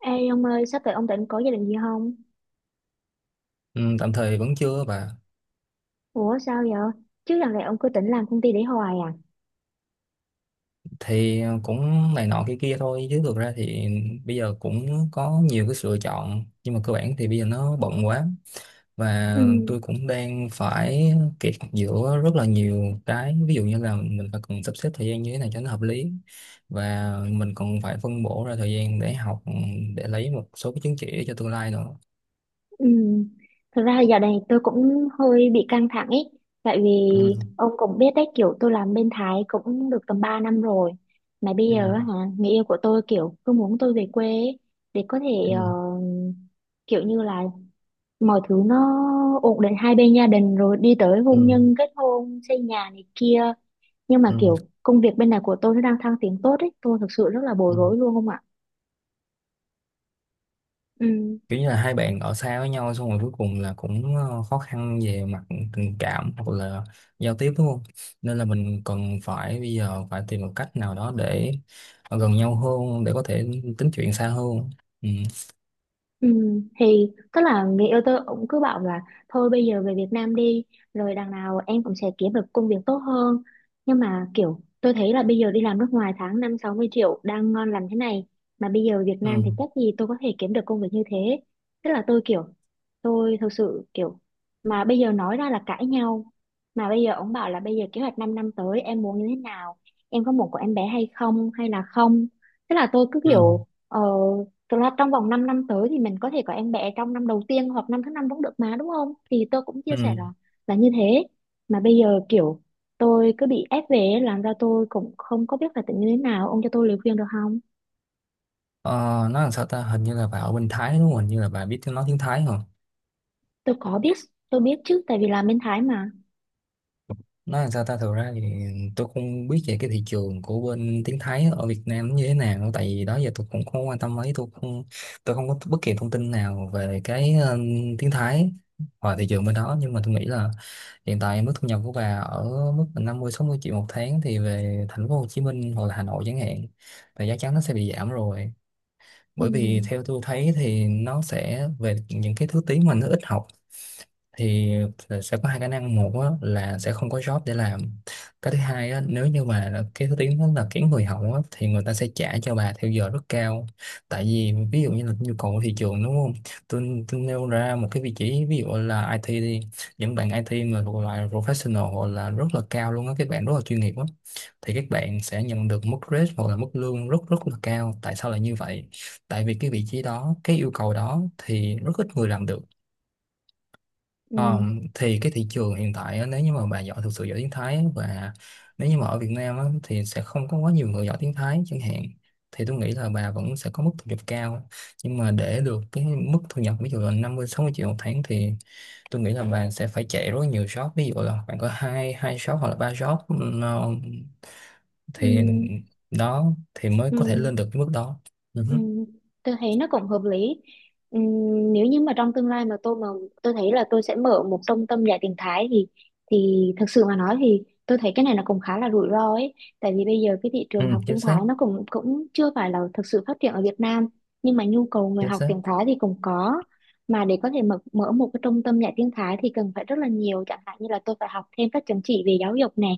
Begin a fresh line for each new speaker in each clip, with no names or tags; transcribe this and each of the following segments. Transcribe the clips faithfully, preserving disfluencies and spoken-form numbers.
Ê ông ơi, sắp tới ông định có gia đình gì không?
Ừ, tạm thời vẫn chưa bà.
Ủa sao vậy? Chứ lần này ông cứ định làm công ty để hoài à?
Thì cũng này nọ kia kia thôi chứ thực ra thì bây giờ cũng có nhiều cái sự lựa chọn, nhưng mà cơ bản thì bây giờ nó bận quá, và
Ừ,
tôi cũng đang phải kẹt giữa rất là nhiều cái. Ví dụ như là mình phải cần sắp xếp thời gian như thế này cho nó hợp lý, và mình còn phải phân bổ ra thời gian để học, để lấy một số cái chứng chỉ cho tương lai nữa.
ừ. Thực ra giờ này tôi cũng hơi bị căng thẳng ấy. Tại vì
Ừ,
ông cũng biết đấy, kiểu tôi làm bên Thái cũng được tầm ba năm rồi. Mà bây giờ á
ừ,
hả, người yêu của tôi kiểu cứ muốn tôi về quê ấy, để có thể ờ,
ừ,
kiểu như là mọi thứ nó ổn định hai bên gia đình rồi đi tới hôn nhân, kết hôn, xây nhà này kia, nhưng mà
ừ,
kiểu công việc bên này của tôi nó đang thăng tiến tốt ấy, tôi thực sự rất là
ừ.
bối rối luôn, không ạ? Ừ.
Kiểu như là hai bạn ở xa với nhau, xong rồi cuối cùng là cũng ờ, khó khăn về mặt tình cảm hoặc là giao tiếp, đúng không? Nên là mình cần phải bây giờ phải tìm một cách nào đó để gần nhau hơn, để có thể tính chuyện xa hơn. Ừ,
Ừ, thì tức là người yêu tôi cũng cứ bảo là thôi bây giờ về Việt Nam đi, rồi đằng nào em cũng sẽ kiếm được công việc tốt hơn. Nhưng mà kiểu tôi thấy là bây giờ đi làm nước ngoài tháng năm sáu mươi triệu đang ngon lành thế này, mà bây giờ Việt Nam
ừ,
thì chắc gì tôi có thể kiếm được công việc như thế. Tức là tôi kiểu, tôi thực sự kiểu, mà bây giờ nói ra là cãi nhau. Mà bây giờ ông bảo là bây giờ kế hoạch 5 năm, năm tới em muốn như thế nào, em có muốn có em bé hay không hay là không. Tức là tôi cứ
ừ,
kiểu ờ Thực ra trong vòng 5 năm tới thì mình có thể có em bé trong năm đầu tiên hoặc năm thứ năm cũng được mà, đúng không? Thì tôi cũng chia
ừ.
sẻ là là như thế. Mà bây giờ kiểu tôi cứ bị ép về ấy, làm ra tôi cũng không có biết phải tính như thế nào. Ông cho tôi lời khuyên được không?
Ờ, nói làm sao ta, hình như là bà ở bên Thái đúng không, hình như là bà biết tiếng, nói tiếng Thái hả?
Tôi có biết, tôi biết chứ, tại vì là bên Thái mà.
Nói làm sao ta, thực ra thì tôi không biết về cái thị trường của bên tiếng Thái ở Việt Nam nó như thế nào, tại vì đó giờ tôi cũng không quan tâm mấy. Tôi không tôi không có bất kỳ thông tin nào về cái ờ, tiếng Thái và thị trường bên đó. Nhưng mà tôi nghĩ là hiện tại mức thu nhập của bà ở mức là năm mươi sáu mươi triệu một tháng, thì về thành phố Hồ Chí Minh hoặc là Hà Nội chẳng hạn, thì chắc chắn nó sẽ bị giảm rồi.
Ừ,
Bởi vì theo tôi thấy thì nó sẽ về những cái thứ tiếng mà nó ít học, thì sẽ có hai khả năng. Một á, là sẽ không có job để làm. Cái thứ hai á, nếu như mà là cái thứ tiếng đó là kiếm người hậu á, thì người ta sẽ trả cho bà theo giờ rất cao. Tại vì ví dụ như là nhu cầu của thị trường, đúng không? Tôi, tôi nêu ra một cái vị trí ví dụ là i tê đi. Những bạn i tê mà thuộc loại professional hoặc là rất là cao luôn á, các bạn rất là chuyên nghiệp á, thì các bạn sẽ nhận được mức rate hoặc là mức lương rất rất là cao. Tại sao lại như vậy? Tại vì cái vị trí đó, cái yêu cầu đó thì rất ít người làm được.
ừ,
Ờ, thì cái thị trường hiện tại á, nếu như mà bà giỏi, thực sự giỏi tiếng Thái á, và nếu như mà ở Việt Nam á, thì sẽ không có quá nhiều người giỏi tiếng Thái chẳng hạn, thì tôi nghĩ là bà vẫn sẽ có mức thu nhập cao. Nhưng mà để được cái mức thu nhập ví dụ là năm mươi sáu mươi triệu một tháng thì tôi nghĩ là bà sẽ phải chạy rất nhiều shop, ví dụ là bạn có hai hai shop hoặc là ba shop, ừm, ờ,
ừ,
thì đó thì mới có thể
ừ.
lên được cái mức đó. Ừ,
Ừ,
hứ.
tôi thấy nó cũng hợp lý. Ừ, nếu như mà trong tương lai mà tôi mà tôi thấy là tôi sẽ mở một trung tâm dạy tiếng Thái, thì thì thực sự mà nói thì tôi thấy cái này nó cũng khá là rủi ro ấy. Tại vì bây giờ cái thị
Ừ,
trường học
chính
tiếng
xác.
Thái nó cũng cũng chưa phải là thực sự phát triển ở Việt Nam, nhưng mà nhu cầu người
Chính
học
xác.
tiếng Thái thì cũng có. Mà để có thể mở mở một cái trung tâm dạy tiếng Thái thì cần phải rất là nhiều, chẳng hạn như là tôi phải học thêm các chứng chỉ về giáo dục này,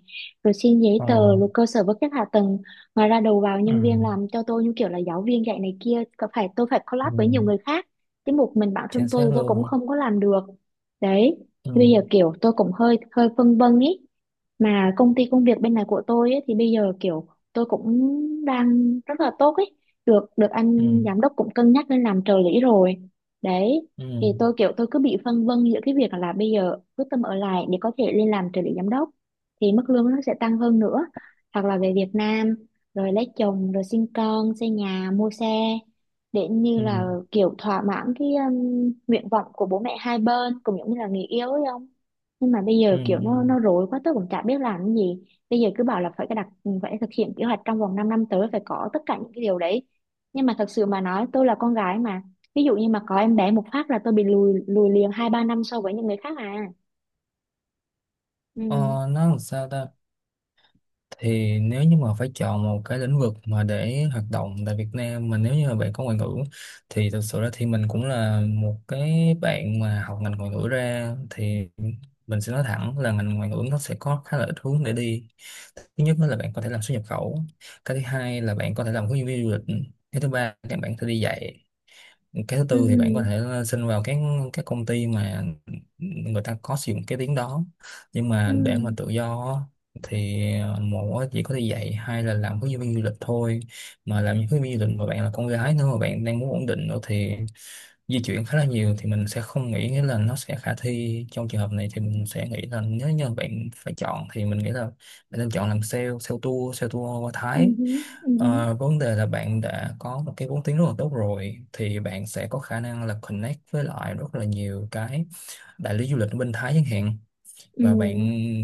rồi xin giấy
Ờ,
tờ, rồi cơ sở vật chất hạ tầng, ngoài ra đầu vào
ừ,
nhân viên làm cho tôi như kiểu là giáo viên dạy này kia, có phải tôi phải collab với nhiều
ừ,
người khác, chứ một mình bản thân
chính
tôi
xác
thì tôi cũng
luôn.
không có làm được đấy.
Ừ.
Thì bây giờ kiểu tôi cũng hơi hơi phân vân ý, mà công ty công việc bên này của tôi ấy, thì bây giờ kiểu tôi cũng đang rất là tốt ấy, được được
Ừ,
anh giám đốc cũng cân nhắc lên làm trợ lý rồi đấy.
ừ,
Thì tôi kiểu tôi cứ bị phân vân giữa cái việc là bây giờ quyết tâm ở lại để có thể lên làm trợ lý giám đốc thì mức lương nó sẽ tăng hơn nữa, hoặc là về Việt Nam rồi lấy chồng rồi sinh con xây nhà mua xe để như
ừ,
là kiểu thỏa mãn cái um, nguyện vọng của bố mẹ hai bên cũng giống như là người yêu ấy không. Nhưng mà bây
ừ,
giờ kiểu
ừ.
nó nó rối quá, tớ cũng chả biết làm cái gì. Bây giờ cứ bảo là phải cái đặt, phải thực hiện kế hoạch trong vòng 5 năm tới, phải có tất cả những cái điều đấy. Nhưng mà thật sự mà nói tôi là con gái mà, ví dụ như mà có em bé một phát là tôi bị lùi lùi liền hai ba năm so với những người khác à. Ừ,
Ờ, nó làm sao ta, thì nếu như mà phải chọn một cái lĩnh vực mà để hoạt động tại Việt Nam mà nếu như mà bạn có ngoại ngữ, thì thực sự ra thì mình cũng là một cái bạn mà học ngành ngoại ngữ ra, thì mình sẽ nói thẳng là ngành ngoại ngữ nó sẽ có khá là ít hướng để đi. Thứ nhất đó là bạn có thể làm xuất nhập khẩu. Cái thứ hai là bạn có thể làm hướng dẫn viên du lịch. Cái thứ ba là bạn có thể đi dạy. Cái thứ tư thì bạn có thể
ừ,
ờ, xin vào các các công ty mà người ta có sử dụng cái tiếng đó. Nhưng mà
ừ,
để mà tự do á, thì một á, chỉ có thể dạy, hai là làm hướng dẫn viên du lịch thôi. Mà làm hướng dẫn viên du lịch mà bạn là con gái nữa mà bạn đang muốn ổn định nữa thì di chuyển khá là nhiều, thì mình sẽ không nghĩ, nghĩa là nó sẽ khả thi trong trường hợp này. Thì mình sẽ nghĩ là nếu như bạn phải chọn thì mình nghĩ là bạn nên chọn làm sale, sale tour, sale tour qua
ừ,
Thái.
ừ, ừ,
Ờ, vấn đề là bạn đã có một cái vốn tiếng rất là tốt rồi, thì bạn sẽ có khả năng là connect với lại rất là nhiều cái đại lý du lịch ở bên Thái chẳng hạn.
ừ,
Và bạn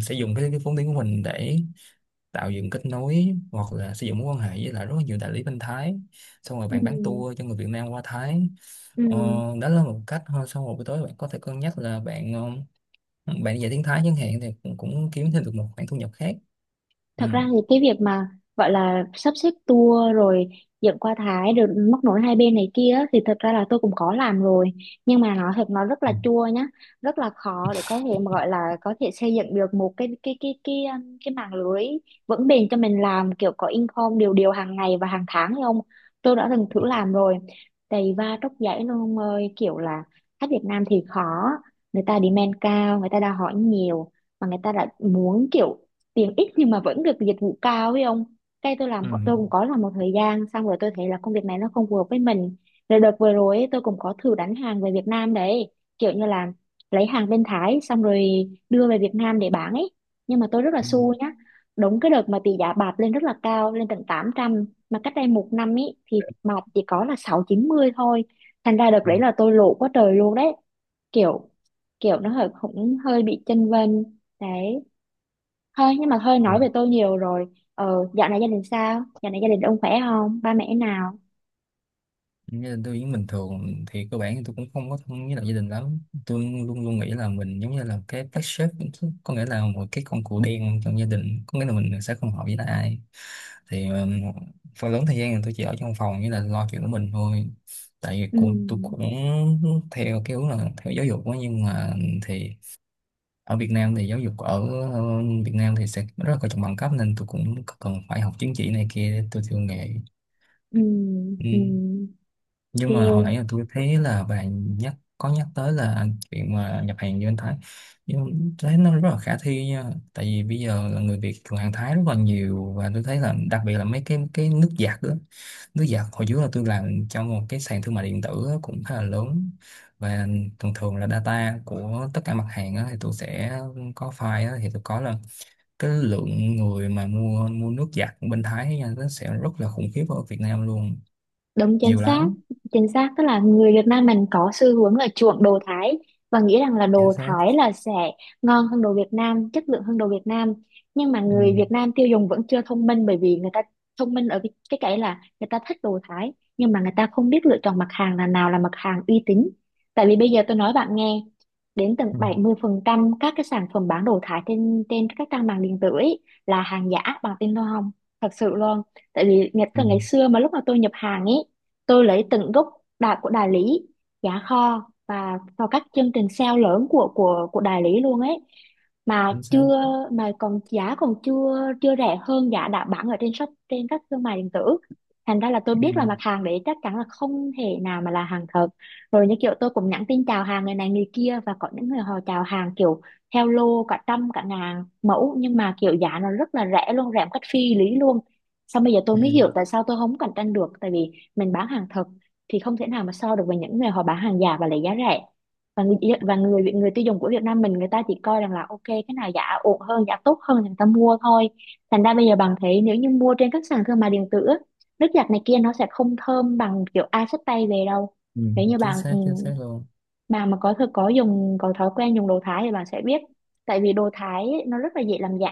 sẽ dùng cái, cái vốn tiếng của mình để tạo dựng kết nối hoặc là sử dụng mối quan hệ với lại rất là nhiều đại lý bên Thái, xong rồi
ừ,
bạn bán tour cho người Việt Nam qua Thái. Ờ,
ừ.
đó là một cách thôi. Xong rồi buổi tối bạn có thể cân nhắc là bạn ờ, bạn đi dạy tiếng Thái chẳng hạn, thì cũng, cũng kiếm thêm được một khoản thu nhập khác. Ừ.
Thật ra thì cái việc mà gọi là sắp xếp tour rồi dẫn qua Thái rồi móc nối hai bên này kia á, thì thật ra là tôi cũng có làm rồi, nhưng mà nó thật nó rất là
Ừ.
chua nhá, rất là khó để có thể mà gọi là có thể xây dựng được một cái cái cái cái um, cái mạng lưới vững bền cho mình làm kiểu có income đều đều hàng ngày và hàng tháng hay không. Tôi đã từng thử
Ừ.
làm rồi đầy va tróc giấy luôn ông ơi, kiểu là khách Việt Nam thì khó, người ta demand cao, người ta đã hỏi nhiều, mà người ta đã muốn kiểu tiền ít nhưng mà vẫn được dịch vụ cao ấy ông, cái tôi làm
Ừ.
tôi cũng có làm một thời gian xong rồi tôi thấy là công việc này nó không phù hợp với mình. Rồi đợt vừa rồi ấy, tôi cũng có thử đánh hàng về Việt Nam đấy, kiểu như là lấy hàng bên Thái xong rồi đưa về Việt Nam để bán ấy, nhưng mà tôi rất là
Ừ.
xui nhá, đúng cái đợt mà tỷ giá bạc lên rất là cao, lên tận tám trăm, mà cách đây một năm ấy thì bạc chỉ có là sáu trăm chín mươi thôi, thành ra đợt đấy là tôi lỗ quá trời luôn đấy, kiểu kiểu nó hơi cũng hơi bị chênh vênh đấy. Thôi nhưng mà thôi
Ừ.
nói về tôi nhiều rồi. Ờ, dạo này gia đình sao? Dạo này gia đình ông khỏe không? Ba mẹ nào?
Gia đình tôi vẫn bình thường, thì cơ bản thì tôi cũng không có thân với lại gia đình lắm. Tôi luôn luôn nghĩ là mình giống như là cái black sheep, có nghĩa là một cái con cừu đen trong gia đình, có nghĩa là mình sẽ không hợp với lại ai. Thì um, phần lớn thời gian thì tôi chỉ ở trong phòng với là lo chuyện của mình thôi. Tại vì
Ừ,
cô- tôi cũng theo cái hướng là theo giáo dục quá, nhưng mà thì ở Việt Nam thì giáo dục ở ờ, Việt Nam thì sẽ rất là coi trọng bằng cấp, nên tôi cũng cần phải học chứng chỉ này kia để tôi theo nghề.
ừ,
Ừ,
ừ.
nhưng mà hồi nãy
Ok.
là tôi thấy là bạn nhắc, có nhắc tới là chuyện mà nhập hàng như anh Thái, nhưng thấy nó rất là khả thi nha. Tại vì bây giờ là người Việt thường hàng Thái rất là nhiều, và tôi thấy là đặc biệt là mấy cái cái nước giặt đó. Nước giặt hồi trước là tôi làm trong một cái sàn thương mại điện tử á, cũng khá là lớn, và thường thường là data của tất cả mặt hàng á, thì tôi sẽ có file á, thì tôi có là cái lượng người mà mua mua nước giặt bên Thái nha, nó sẽ rất là khủng khiếp ở Việt Nam luôn.
Đúng chính
Nhiều
xác,
lắm.
chính xác, tức là người Việt Nam mình có xu hướng là chuộng đồ Thái và nghĩ rằng là
Chính
đồ
xác.
Thái là sẽ ngon hơn đồ Việt Nam, chất lượng hơn đồ Việt Nam. Nhưng mà
Ừ,
người Việt Nam tiêu dùng vẫn chưa thông minh, bởi vì người ta thông minh ở cái cái cái là người ta thích đồ Thái nhưng mà người ta không biết lựa chọn mặt hàng là nào là mặt hàng uy tín. Tại vì bây giờ tôi nói bạn nghe, đến tận
ừ,
bảy mươi phần trăm các cái sản phẩm bán đồ Thái trên trên các trang mạng điện tử ấy là hàng giả, bằng tin tôi không? Thật sự luôn, tại vì ngày
ừ,
cả ngày xưa mà lúc mà tôi nhập hàng ấy, tôi lấy từng gốc đà của đại lý giá kho và vào các chương trình sale lớn của của của đại lý luôn ấy, mà
chính
chưa,
xác.
mà còn giá còn chưa chưa rẻ hơn giá đã bán ở trên shop trên các thương mại điện tử, thành ra là tôi biết là
Ừ,
mặt hàng đấy chắc chắn là không thể nào mà là hàng thật. Rồi như kiểu tôi cũng nhắn tin chào hàng người này người kia, và có những người họ chào hàng kiểu theo lô cả trăm cả ngàn mẫu, nhưng mà kiểu giá nó rất là rẻ luôn, rẻ một cách phi lý luôn. Xong bây giờ tôi
ừ,
mới hiểu tại sao tôi không cạnh tranh được, tại vì mình bán hàng thật thì không thể nào mà so được với những người họ bán hàng giả và lấy giá rẻ, và người và người người tiêu dùng của Việt Nam mình người ta chỉ coi rằng là ok cái nào giá ổn hơn giá tốt hơn thì người ta mua thôi. Thành ra bây giờ bạn thấy nếu như mua trên các sàn thương mại điện tử á, nước giặt này kia nó sẽ không thơm bằng kiểu ai xách tay về đâu.
ừ,
Nếu như
chính
bạn ừ,
xác. Chính xác luôn.
mà mà có thực có dùng có thói quen dùng đồ Thái thì bạn sẽ biết. Tại vì đồ Thái ấy, nó rất là dễ làm giả,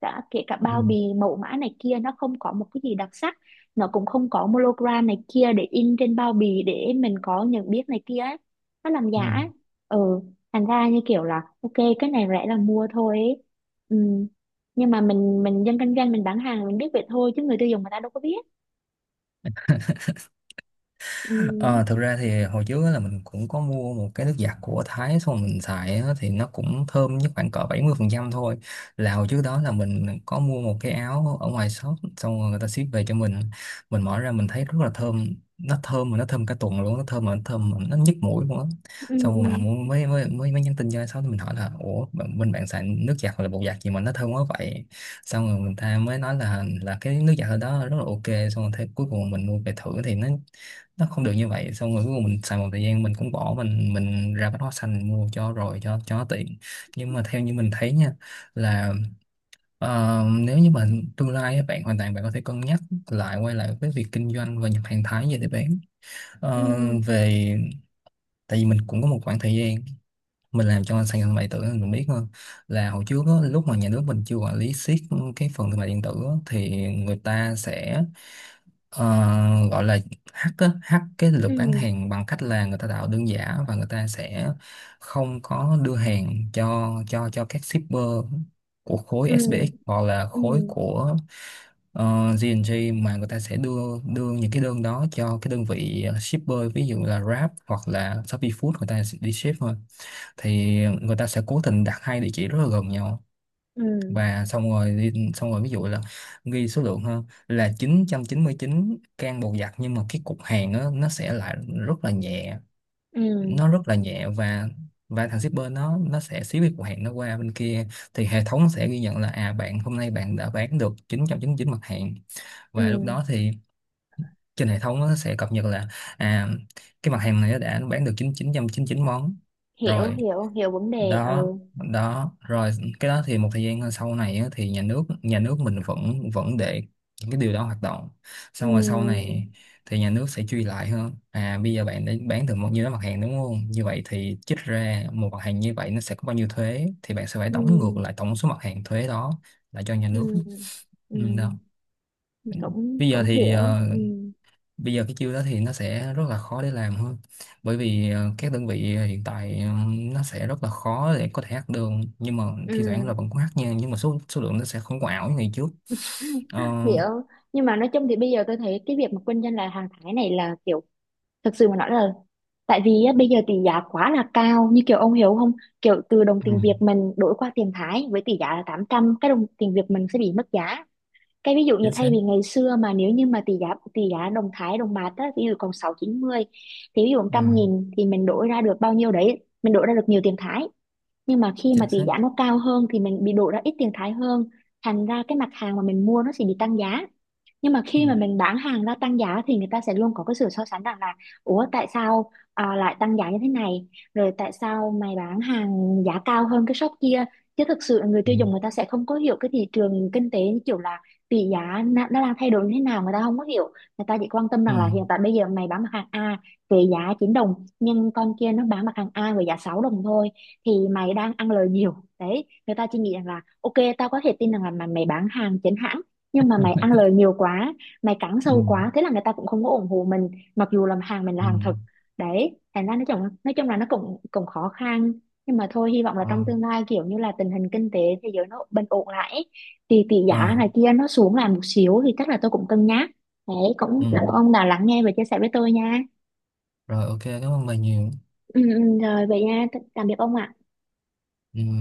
cả kể cả
Ừ,
bao bì mẫu mã này kia nó không có một cái gì đặc sắc, nó cũng không có monogram này kia để in trên bao bì để mình có nhận biết này kia ấy. Nó làm
ừ.
giả ấy. Ừ. Thành ra như kiểu là ok, cái này rẻ là mua thôi ấy. Ừ. Nhưng mà mình mình dân kinh doanh mình bán hàng mình biết vậy thôi, chứ người tiêu dùng người ta đâu có biết. Ừ,
Ờ, thực ra thì hồi trước á là mình cũng có mua một cái nước giặt của Thái, xong mình xài á thì nó cũng thơm nhất khoảng cỡ bảy mươi phần trăm thôi. Là hồi trước đó là mình có mua một cái áo ở ngoài shop, xong rồi người ta ship về cho mình mình mở ra mình thấy rất là thơm. Nó thơm mà nó thơm cả tuần luôn, nó thơm mà nó thơm mà nó nhức mũi luôn á.
ừ,
Xong rồi mình
ừ,
mua- mới mới mới mới nhắn tin cho ai shop thì mình hỏi là ủa bạn- bên bạn xài nước giặt hoặc là bột giặt gì mà nó thơm quá vậy. Xong rồi người ta mới nói là là cái nước giặt ở đó rất là ok. Xong rồi thế cuối cùng mình mua về thử thì nó nó không được như vậy. Xong rồi cuối cùng mình xài một thời gian mình cũng bỏ, mình mình ra bách hóa xanh mình mua cho rồi, cho cho nó tiện. Nhưng mà theo như mình thấy nha, là ờ, nếu như mà tương lai á, bạn hoàn toàn bạn có thể cân nhắc lại, quay lại với việc kinh doanh và nhập hàng Thái về để bán.
ừ,
Ờ, về, tại vì mình cũng có một khoảng thời gian mình làm cho sàn thương mại điện tử nên mình biết hơn. Là hồi trước á, lúc mà nhà nước mình chưa quản lý siết cái phần thương mại điện tử á, thì người ta sẽ, ờ, gọi là hack á, hack cái lượt
ừ,
bán hàng, bằng cách là người ta tạo đơn giả và người ta sẽ không có đưa hàng cho cho cho các shipper của khối
ừ,
ét pê ích hoặc là
ừ,
khối của uh, giê và giê. Mà người ta sẽ đưa đưa những cái đơn đó cho cái đơn vị shipper ví dụ là Grab hoặc là Shopee Food, người ta sẽ đi ship thôi. Thì người ta sẽ cố tình đặt hai địa chỉ rất là gần nhau,
ừ,
và xong rồi đi- xong rồi ví dụ là ghi số lượng hơn là chín chín trăm chín mươi chín can bột giặt, nhưng mà cái cục hàng á, nó sẽ lại rất là nhẹ.
ừ,
Nó rất là nhẹ, và và thằng shipper nó nó sẽ ship cái cục hàng nó qua bên kia. Thì hệ thống sẽ ghi nhận là, à bạn hôm nay bạn đã bán được chín chín trăm chín mươi chín mặt hàng.
ừ.
Và lúc đó thì trên hệ thống nó sẽ cập nhật là, à cái mặt hàng này nó đã bán được chín chín chín trăm chín mươi chín món.
Hiểu
Rồi
hiểu hiểu vấn đề.
đó
Ừ,
đó rồi, cái đó thì một thời gian sau này á, thì nhà nước nhà nước mình vẫn vẫn để những cái điều đó hoạt động.
ừ,
Xong rồi sau này thì nhà nước sẽ truy lại hơn, à bây giờ bạn đã bán được bao nhiêu đó mặt hàng đúng không, như vậy thì trích ra một mặt hàng như vậy nó sẽ có bao nhiêu thuế, thì bạn sẽ phải đóng ngược
ừ,
lại tổng số mặt hàng thuế đó lại cho nhà nước.
ừ, ừ,
Ừ, đó.
cũng
Bây giờ
cũng
thì
hiểu.
ờ,
Ừ,
bây giờ cái chiêu đó thì nó sẽ rất là khó để làm hơn, bởi vì ờ, các đơn vị hiện tại ờ, nó sẽ rất là khó để có thể hack được. Nhưng mà thi thoảng
ừ.
là vẫn có hack nha, nhưng mà số số lượng nó sẽ không có ảo như ngày trước. Ờ,
Hiểu. Nhưng mà nói chung thì bây giờ tôi thấy cái việc mà kinh doanh là hàng Thái này là kiểu, thực sự mà nói là tại vì á, bây giờ tỷ giá quá là cao, như kiểu ông hiểu không, kiểu từ đồng
ừ,
tiền Việt mình đổi qua tiền Thái với tỷ giá là tám trăm cái đồng tiền Việt mình sẽ bị mất giá. Cái ví dụ như
chính xác.
thay vì ngày xưa mà nếu như mà tỷ giá tỷ giá đồng Thái đồng bạc á ví dụ còn sáu chín mươi, thì ví dụ
Ừ,
trăm nghìn thì mình đổi ra được bao nhiêu đấy, mình đổi ra được nhiều tiền Thái. Nhưng mà khi mà
chính
tỷ
xác.
giá nó cao hơn thì mình bị đổ ra ít tiền thái hơn, thành ra cái mặt hàng mà mình mua nó sẽ bị tăng giá. Nhưng mà
Ừ,
khi mà mình bán hàng ra tăng giá thì người ta sẽ luôn có cái sự so sánh rằng là ủa tại sao à, lại tăng giá như thế này, rồi tại sao mày bán hàng giá cao hơn cái shop kia, chứ thực sự người
ừ,
tiêu dùng người ta sẽ không có hiểu cái thị trường kinh tế, như kiểu là tỷ giá nó nó đang thay đổi như thế nào người ta không có hiểu. Người ta chỉ quan tâm
ừ,
rằng là hiện tại bây giờ mày bán mặt hàng A về giá chín đồng, nhưng con kia nó bán mặt hàng A với giá sáu đồng thôi thì mày đang ăn lời nhiều đấy. Người ta chỉ nghĩ rằng là ok tao có thể tin rằng là mà mày bán hàng chính hãng, nhưng mà mày ăn lời nhiều quá, mày cắn
ừ,
sâu quá, thế là người ta cũng không có ủng hộ mình, mặc dù là hàng mình là hàng
ừ,
thật đấy. Thành ra nói chung nói chung là nó cũng cũng khó khăn. Nhưng mà thôi hy vọng là trong
ờ,
tương lai kiểu như là tình hình kinh tế thế giới nó bình ổn lại ấy, thì tỷ giá
ờ,
này kia nó xuống lại một xíu thì chắc là tôi cũng cân nhắc đấy. Cũng
ừ.
cảm ơn ông đã lắng nghe và chia sẻ với tôi nha.
Rồi ok, cảm ơn bà nhiều.
Ừ, ừ, rồi vậy nha, tạm biệt ông ạ.
Ừ.